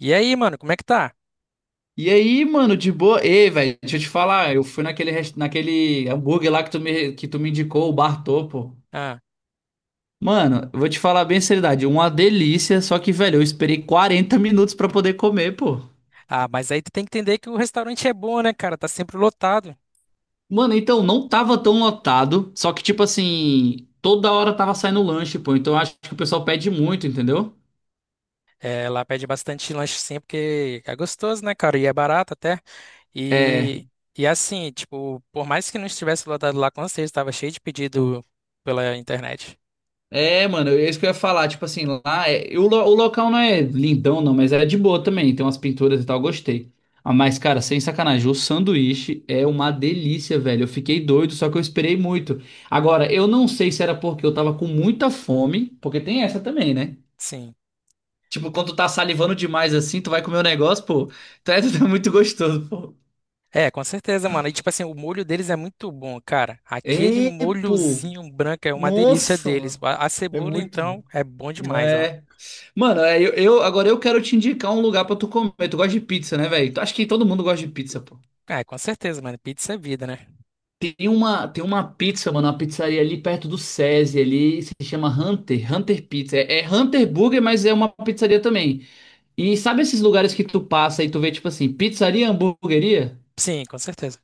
E aí, mano, como é que tá? E aí, mano, de boa. Ei, velho, deixa eu te falar, eu fui naquele, naquele hambúrguer lá que tu me indicou, o Bartô, pô. Ah, Mano, eu vou te falar bem seriedade, uma delícia, só que, velho, eu esperei 40 minutos pra poder comer, pô. Mas aí tu tem que entender que o restaurante é bom, né, cara? Tá sempre lotado. Mano, então, não tava tão lotado, só que, tipo assim, toda hora tava saindo lanche, pô, então eu acho que o pessoal pede muito, entendeu? É, lá pede bastante lanche sempre, porque é gostoso, né, cara? E é barato até. É. E, e assim, tipo, por mais que não estivesse lotado lá, com certeza tava cheio de pedido pela internet. É, mano, é isso que eu ia falar. Tipo assim, lá é, e o, lo- o local não é lindão, não, mas é de boa também. Tem umas pinturas e tal, gostei. Ah, mas, cara, sem sacanagem, o sanduíche é uma delícia, velho. Eu fiquei doido, só que eu esperei muito. Agora, eu não sei se era porque eu tava com muita fome, porque tem essa também, né? Sim. Tipo, quando tu tá salivando demais assim, tu vai comer um negócio, pô. Tu tá muito gostoso, pô. É, com certeza, mano. E tipo assim, o molho deles é muito bom, cara. Aquele É, pô. molhozinho branco é uma delícia Nossa, deles. mano. A É cebola, muito então, bom. é bom demais, ó. É. Mano, agora eu quero te indicar um lugar pra tu comer. Tu gosta de pizza, né, velho? Tu- Acho que todo mundo gosta de pizza, pô. É, com certeza, mano. Pizza é vida, né? Tem uma pizzaria ali perto do SESI ali, se chama Hunter, Hunter Pizza. É Hunter Burger, mas é uma pizzaria também. E sabe esses lugares que tu passa e tu vê, tipo assim, pizzaria, hamburgueria? Sim, com certeza.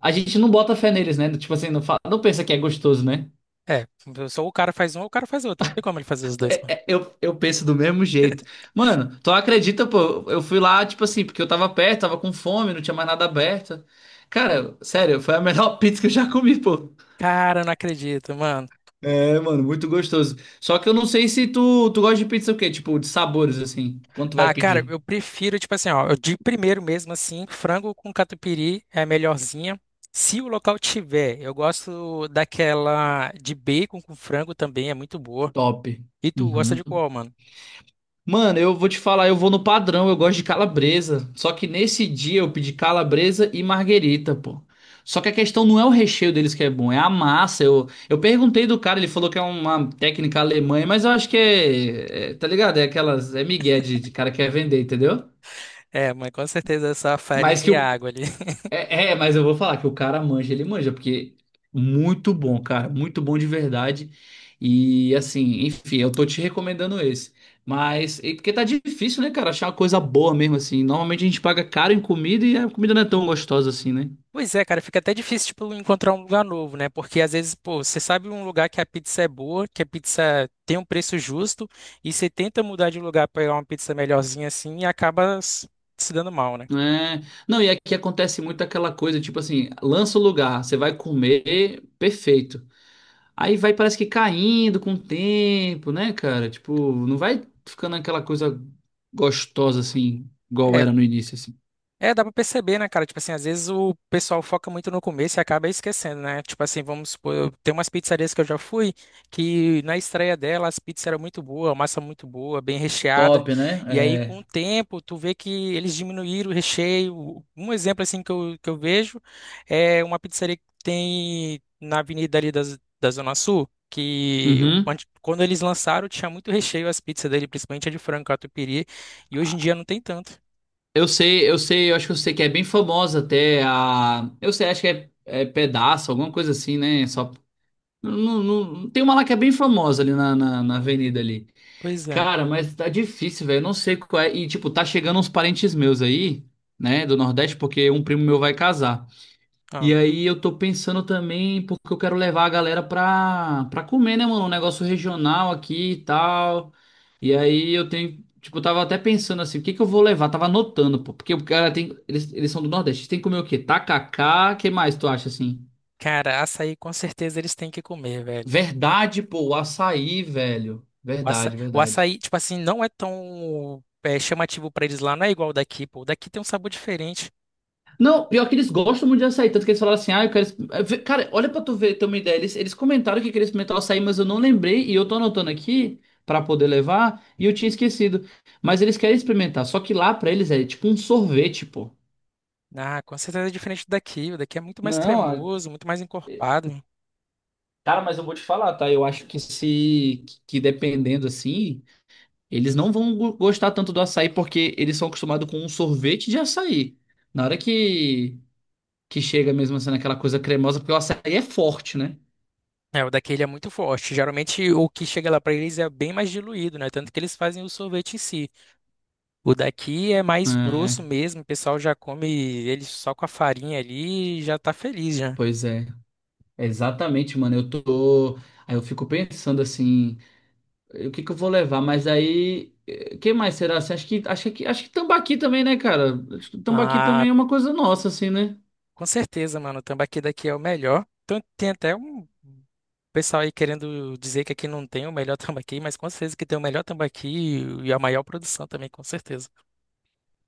A gente não bota fé neles, né? Tipo assim, não, fala, não pensa que é gostoso, né? É, só o cara faz um ou o cara faz outro. Não tem como ele fazer os dois, mano. Eu penso do mesmo jeito. Mano, tu acredita, pô? Eu fui lá, tipo assim, porque eu tava perto, tava com fome, não tinha mais nada aberto. Cara, sério, foi a melhor pizza que eu já comi, pô. Cara, eu não acredito, mano. É, mano, muito gostoso. Só que eu não sei se tu gosta de pizza o quê? Tipo, de sabores, assim. Quanto vai Ah, cara, pedir? eu prefiro, tipo assim, ó, eu de primeiro mesmo, assim, frango com catupiry é a melhorzinha. Se o local tiver, eu gosto daquela de bacon com frango também, é muito boa. Top. E tu gosta Uhum. de qual, mano? Mano, eu vou te falar, eu vou no padrão, eu gosto de calabresa. Só que nesse dia eu pedi calabresa e marguerita, pô. Só que a questão não é o recheio deles que é bom, é a massa. Eu perguntei do cara, ele falou que é uma técnica alemã, mas eu acho que tá ligado? É aquelas, é migué de cara que quer vender, entendeu? É, mas com certeza é só a farinha Mas que e a o, água ali. Mas eu vou falar que o cara manja, ele manja, porque muito bom, cara, muito bom de verdade. E assim, enfim, eu tô te recomendando esse. Mas, e porque tá difícil, né, cara, achar uma coisa boa mesmo, assim. Normalmente a gente paga caro em comida e a comida não é tão gostosa assim, né? Pois é, cara, fica até difícil, tipo, encontrar um lugar novo, né? Porque às vezes, pô, você sabe um lugar que a pizza é boa, que a pizza tem um preço justo, e você tenta mudar de lugar pra pegar uma pizza melhorzinha assim e acaba se dando mal, né? É, não, e aqui acontece muito aquela coisa, tipo assim, lança o lugar, você vai comer, perfeito. Aí vai, parece que caindo com o tempo, né, cara? Tipo, não vai ficando aquela coisa gostosa assim, igual É, era no início, assim. Dá pra perceber, né, cara? Tipo assim, às vezes o pessoal foca muito no começo e acaba esquecendo, né? Tipo assim, vamos supor, tem umas pizzarias que eu já fui, que na estreia dela as pizzas eram muito boas, a massa muito boa, bem recheada. Top, né? E aí, com É. o tempo, tu vê que eles diminuíram o recheio. Um exemplo, assim, que eu vejo é uma pizzaria que tem na avenida ali da Zona Sul, Uhum. Quando eles lançaram tinha muito recheio as pizzas dele, principalmente a de frango catupiry, e hoje em dia não tem tanto. Eu acho que eu sei que é bem famosa até a. Eu sei, acho que é pedaço, alguma coisa assim, né? Só. Tem uma lá que é bem famosa ali na avenida ali. Pois é. Cara, mas tá difícil, velho. Eu Não sei qual é. E, tipo, tá chegando uns parentes meus aí, né, do Nordeste, porque um primo meu vai casar. Ah. E aí eu tô pensando também, porque eu quero levar a galera pra comer, né, mano? Um negócio regional aqui e tal. E aí eu tenho, tipo, eu tava até pensando assim, o que que eu vou levar? Tava anotando, pô, porque o cara tem, eles são do Nordeste, tem que comer o quê? Tacacá, que mais tu acha assim? Cara, açaí com certeza eles têm que comer, velho. Verdade, pô, o açaí, velho. O açaí, Verdade, o verdade. açaí, tipo assim, não é tão chamativo pra eles lá, não é igual o daqui, pô. O daqui tem um sabor diferente. Não, pior que eles gostam muito de açaí, tanto que eles falaram assim, ah, eu quero... exp- eh, Cara, olha pra tu ver, ter uma ideia, eles comentaram que queriam experimentar o açaí, mas eu não lembrei, e eu tô anotando aqui pra poder levar, e eu tinha esquecido. Mas eles querem experimentar, só que lá pra eles é tipo um sorvete, pô. Ah, com certeza é diferente do daqui. O daqui é muito mais Não, a- cremoso, muito mais encorpado. cara, mas eu vou te falar, tá? Eu acho que se... que dependendo, assim, eles não vão gostar tanto do açaí, porque eles são acostumados com um sorvete de açaí. Na hora que... que chega mesmo sendo aquela coisa cremosa, porque o açaí é forte, né? É, o daqui ele é muito forte. Geralmente o que chega lá pra eles é bem mais diluído, né? Tanto que eles fazem o sorvete em si. O daqui é mais grosso É. mesmo, o pessoal já come ele só com a farinha ali e já tá feliz já. Pois é, exatamente, mano. Eu tô. Aí eu fico pensando assim, o que que eu vou levar? Mas aí, quem mais será? Assim, acho que tambaqui também, né, cara? Acho que Tambaqui Ah. também é uma coisa nossa, assim, né? Com certeza, mano. O tambaqui daqui é o melhor. Então, tem até um pessoal aí querendo dizer que aqui não tem o melhor tambaqui, mas com certeza que tem o melhor tambaqui e a maior produção também, com certeza.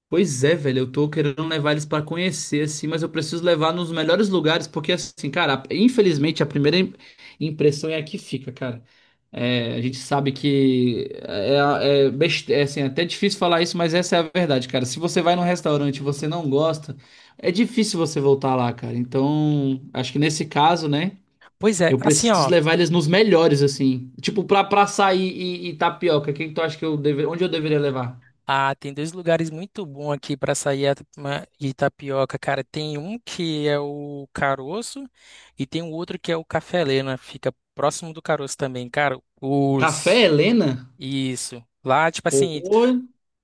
Pois é, velho, eu tô querendo levar eles pra conhecer, assim, mas eu preciso levar nos melhores lugares, porque, assim, cara, infelizmente a primeira impressão é a que fica, cara. É, a gente sabe que é, é, best- é, assim, é até difícil falar isso, mas essa é a verdade, cara. Se você vai num restaurante e você não gosta, é difícil você voltar lá, cara. Então, acho que nesse caso, né, Pois é, eu assim, preciso ó. levar eles nos melhores, assim. Tipo, pra açaí e tapioca, quem tu acha que onde eu deveria levar? Ah, tem dois lugares muito bons aqui para sair a tapioca, cara. Tem um que é o Caroço e tem um outro que é o Café Helena. Fica próximo do Caroço também, cara. Café Os. Helena? Isso. Lá, tipo Pô, assim.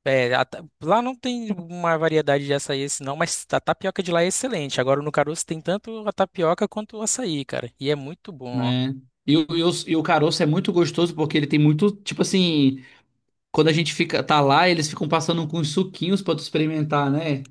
É, a lá não tem uma variedade de açaí esse não, mas a tapioca de lá é excelente. Agora no Caroço tem tanto a tapioca quanto o açaí, cara. E é muito bom. né? E o caroço é muito gostoso porque ele tem muito, tipo assim, quando a gente fica, tá lá, eles ficam passando com uns suquinhos pra tu experimentar, né?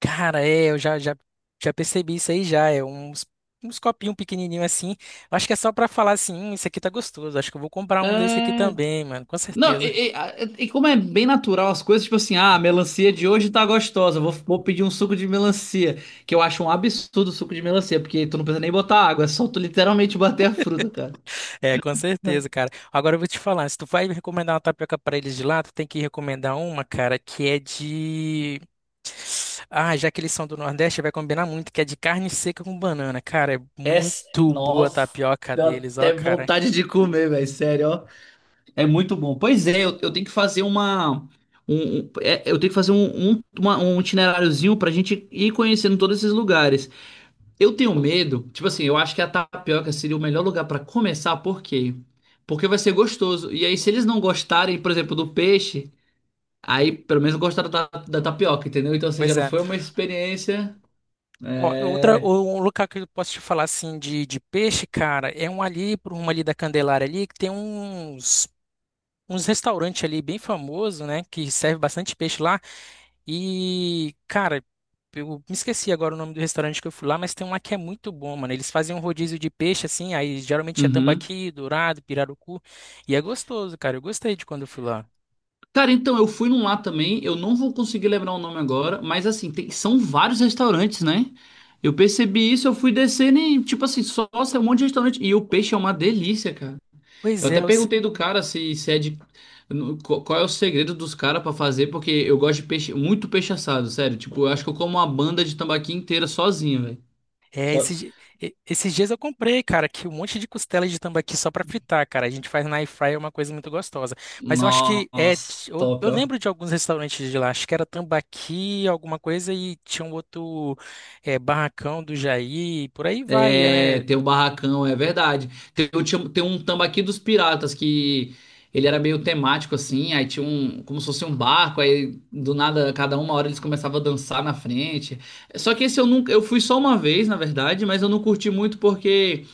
Cara, é, eu já percebi isso aí já. É uns, uns copinhos pequenininhos assim. Eu acho que é só pra falar assim, isso aqui tá gostoso. Acho que eu vou comprar um desse aqui É. também, mano. Com Não, certeza. E como é bem natural as coisas, tipo assim, ah, a melancia de hoje tá gostosa, vou pedir um suco de melancia, que eu acho um absurdo o suco de melancia, porque tu não precisa nem botar água, é só tu literalmente bater a fruta, cara. É, com certeza, cara. Agora eu vou te falar, se tu vai recomendar uma tapioca pra eles de lá, tu tem que recomendar uma, cara, que é de... Ah, já que eles são do Nordeste, vai combinar muito, que é de carne seca com banana. Cara, é muito boa a Nossa, tapioca deu deles, ó, até cara. vontade de comer, velho, sério, ó. É muito bom. Pois é, eu tenho que fazer uma. Eu tenho que fazer um itineráriozinho pra gente ir conhecendo todos esses lugares. Eu tenho medo, tipo assim, eu acho que a Tapioca seria o melhor lugar pra começar, por quê? Porque vai ser gostoso. E aí, se eles não gostarem, por exemplo, do peixe, aí pelo menos gostaram da tapioca, entendeu? Então, assim, já Pois não é. foi uma experiência. Ó, outra, um lugar que eu posso te falar assim de peixe, cara, é um ali, por uma ali da Candelária ali, que tem uns, uns restaurantes ali bem famoso, né, que serve bastante peixe lá. E, cara, eu me esqueci agora o nome do restaurante que eu fui lá, mas tem um lá que é muito bom, mano. Eles fazem um rodízio de peixe assim, aí geralmente é Uhum. tambaqui, dourado, pirarucu, e é gostoso, cara. Eu gostei de quando eu fui lá. Cara, então eu fui num lá também, eu não vou conseguir lembrar o nome agora, mas assim, são vários restaurantes, né? Eu percebi isso, eu fui descendo e, tipo assim, só nossa, é um monte de restaurante. E o peixe é uma delícia, cara. Eu Pois é, até eu se- perguntei do cara se é de. Qual é o segredo dos caras pra fazer, porque eu gosto de peixe, muito peixe assado, sério. Tipo, eu acho que eu como uma banda de tambaqui inteira sozinho, velho. é, Só- esses, di- e- esses dias eu comprei, cara, que um monte de costela de tambaqui só pra fritar, cara. A gente faz na air fryer, é uma coisa muito gostosa. Mas eu acho que é, Nossa, t- eu, top, eu ó. lembro de alguns restaurantes de lá, acho que era tambaqui, alguma coisa, e tinha um outro é, barracão do Jair, por aí vai, é, É, né? tem o barracão, é verdade. Tem um Tambaqui dos Piratas que ele era meio temático assim, aí tinha um, como se fosse um barco, aí do nada, cada uma hora eles começavam a dançar na frente. Só que esse eu nunca, eu fui só uma vez, na verdade, mas eu não curti muito porque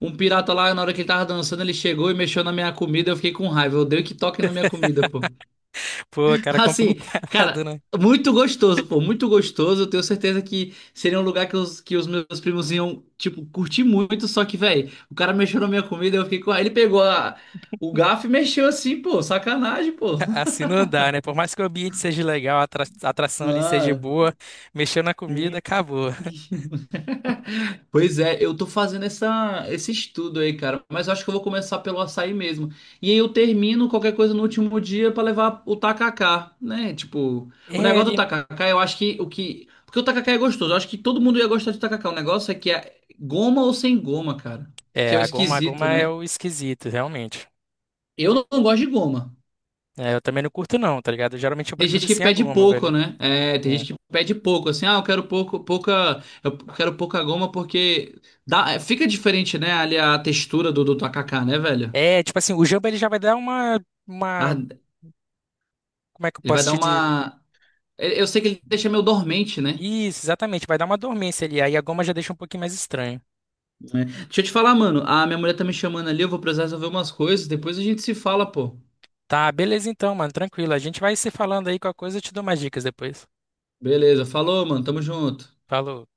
um pirata lá, na hora que ele tava dançando, ele chegou e mexeu na minha comida, eu fiquei com raiva. Eu odeio que toque na minha comida, pô. Pô, cara, é Assim, complicado, cara, né? muito gostoso, pô, muito gostoso. Eu tenho certeza que seria um lugar que os meus primos iam, tipo, curtir muito. Só que, velho, o cara mexeu na minha comida, eu fiquei com. Aí ele pegou a- o garfo e mexeu assim, pô, sacanagem, pô. Assim não dá, né? Por mais que o ambiente seja legal, a a atração ali seja Ah, boa, mexeu na comida, sim. acabou. Pois é, eu tô fazendo esse estudo aí, cara, mas eu acho que eu vou começar pelo açaí mesmo. E aí eu termino qualquer coisa no último dia pra levar o tacacá, né? Tipo, o É, negócio do ali... tacacá, eu acho que o que. Porque o tacacá é gostoso, eu acho que todo mundo ia gostar de tacacá. O negócio é que é goma ou sem goma, cara, que é o a esquisito, goma é né? o esquisito, realmente. Eu não gosto de goma. É, eu também não curto não, tá ligado? Geralmente eu Tem gente prefiro que sem a pede goma, pouco, velho. né? É, tem É, gente que pede pouco, assim, ah, eu quero pouca, eu quero pouca goma porque fica diferente, né? Ali a textura do tacacá, né, velho? Tipo assim, o jamba ele já vai dar Ah, uma... Como é que eu ele vai posso dar te dizer? uma. Eu sei que ele deixa meio dormente, né? Isso, exatamente, vai dar uma dormência ali, aí a goma já deixa um pouquinho mais estranho. É. Deixa eu te falar, mano. A minha mulher tá me chamando ali, eu vou precisar resolver umas coisas. Depois a gente se fala, pô. Tá, beleza então, mano, tranquilo. A gente vai se falando aí com a coisa, eu te dou mais dicas depois. Beleza, falou, mano. Tamo junto. Falou.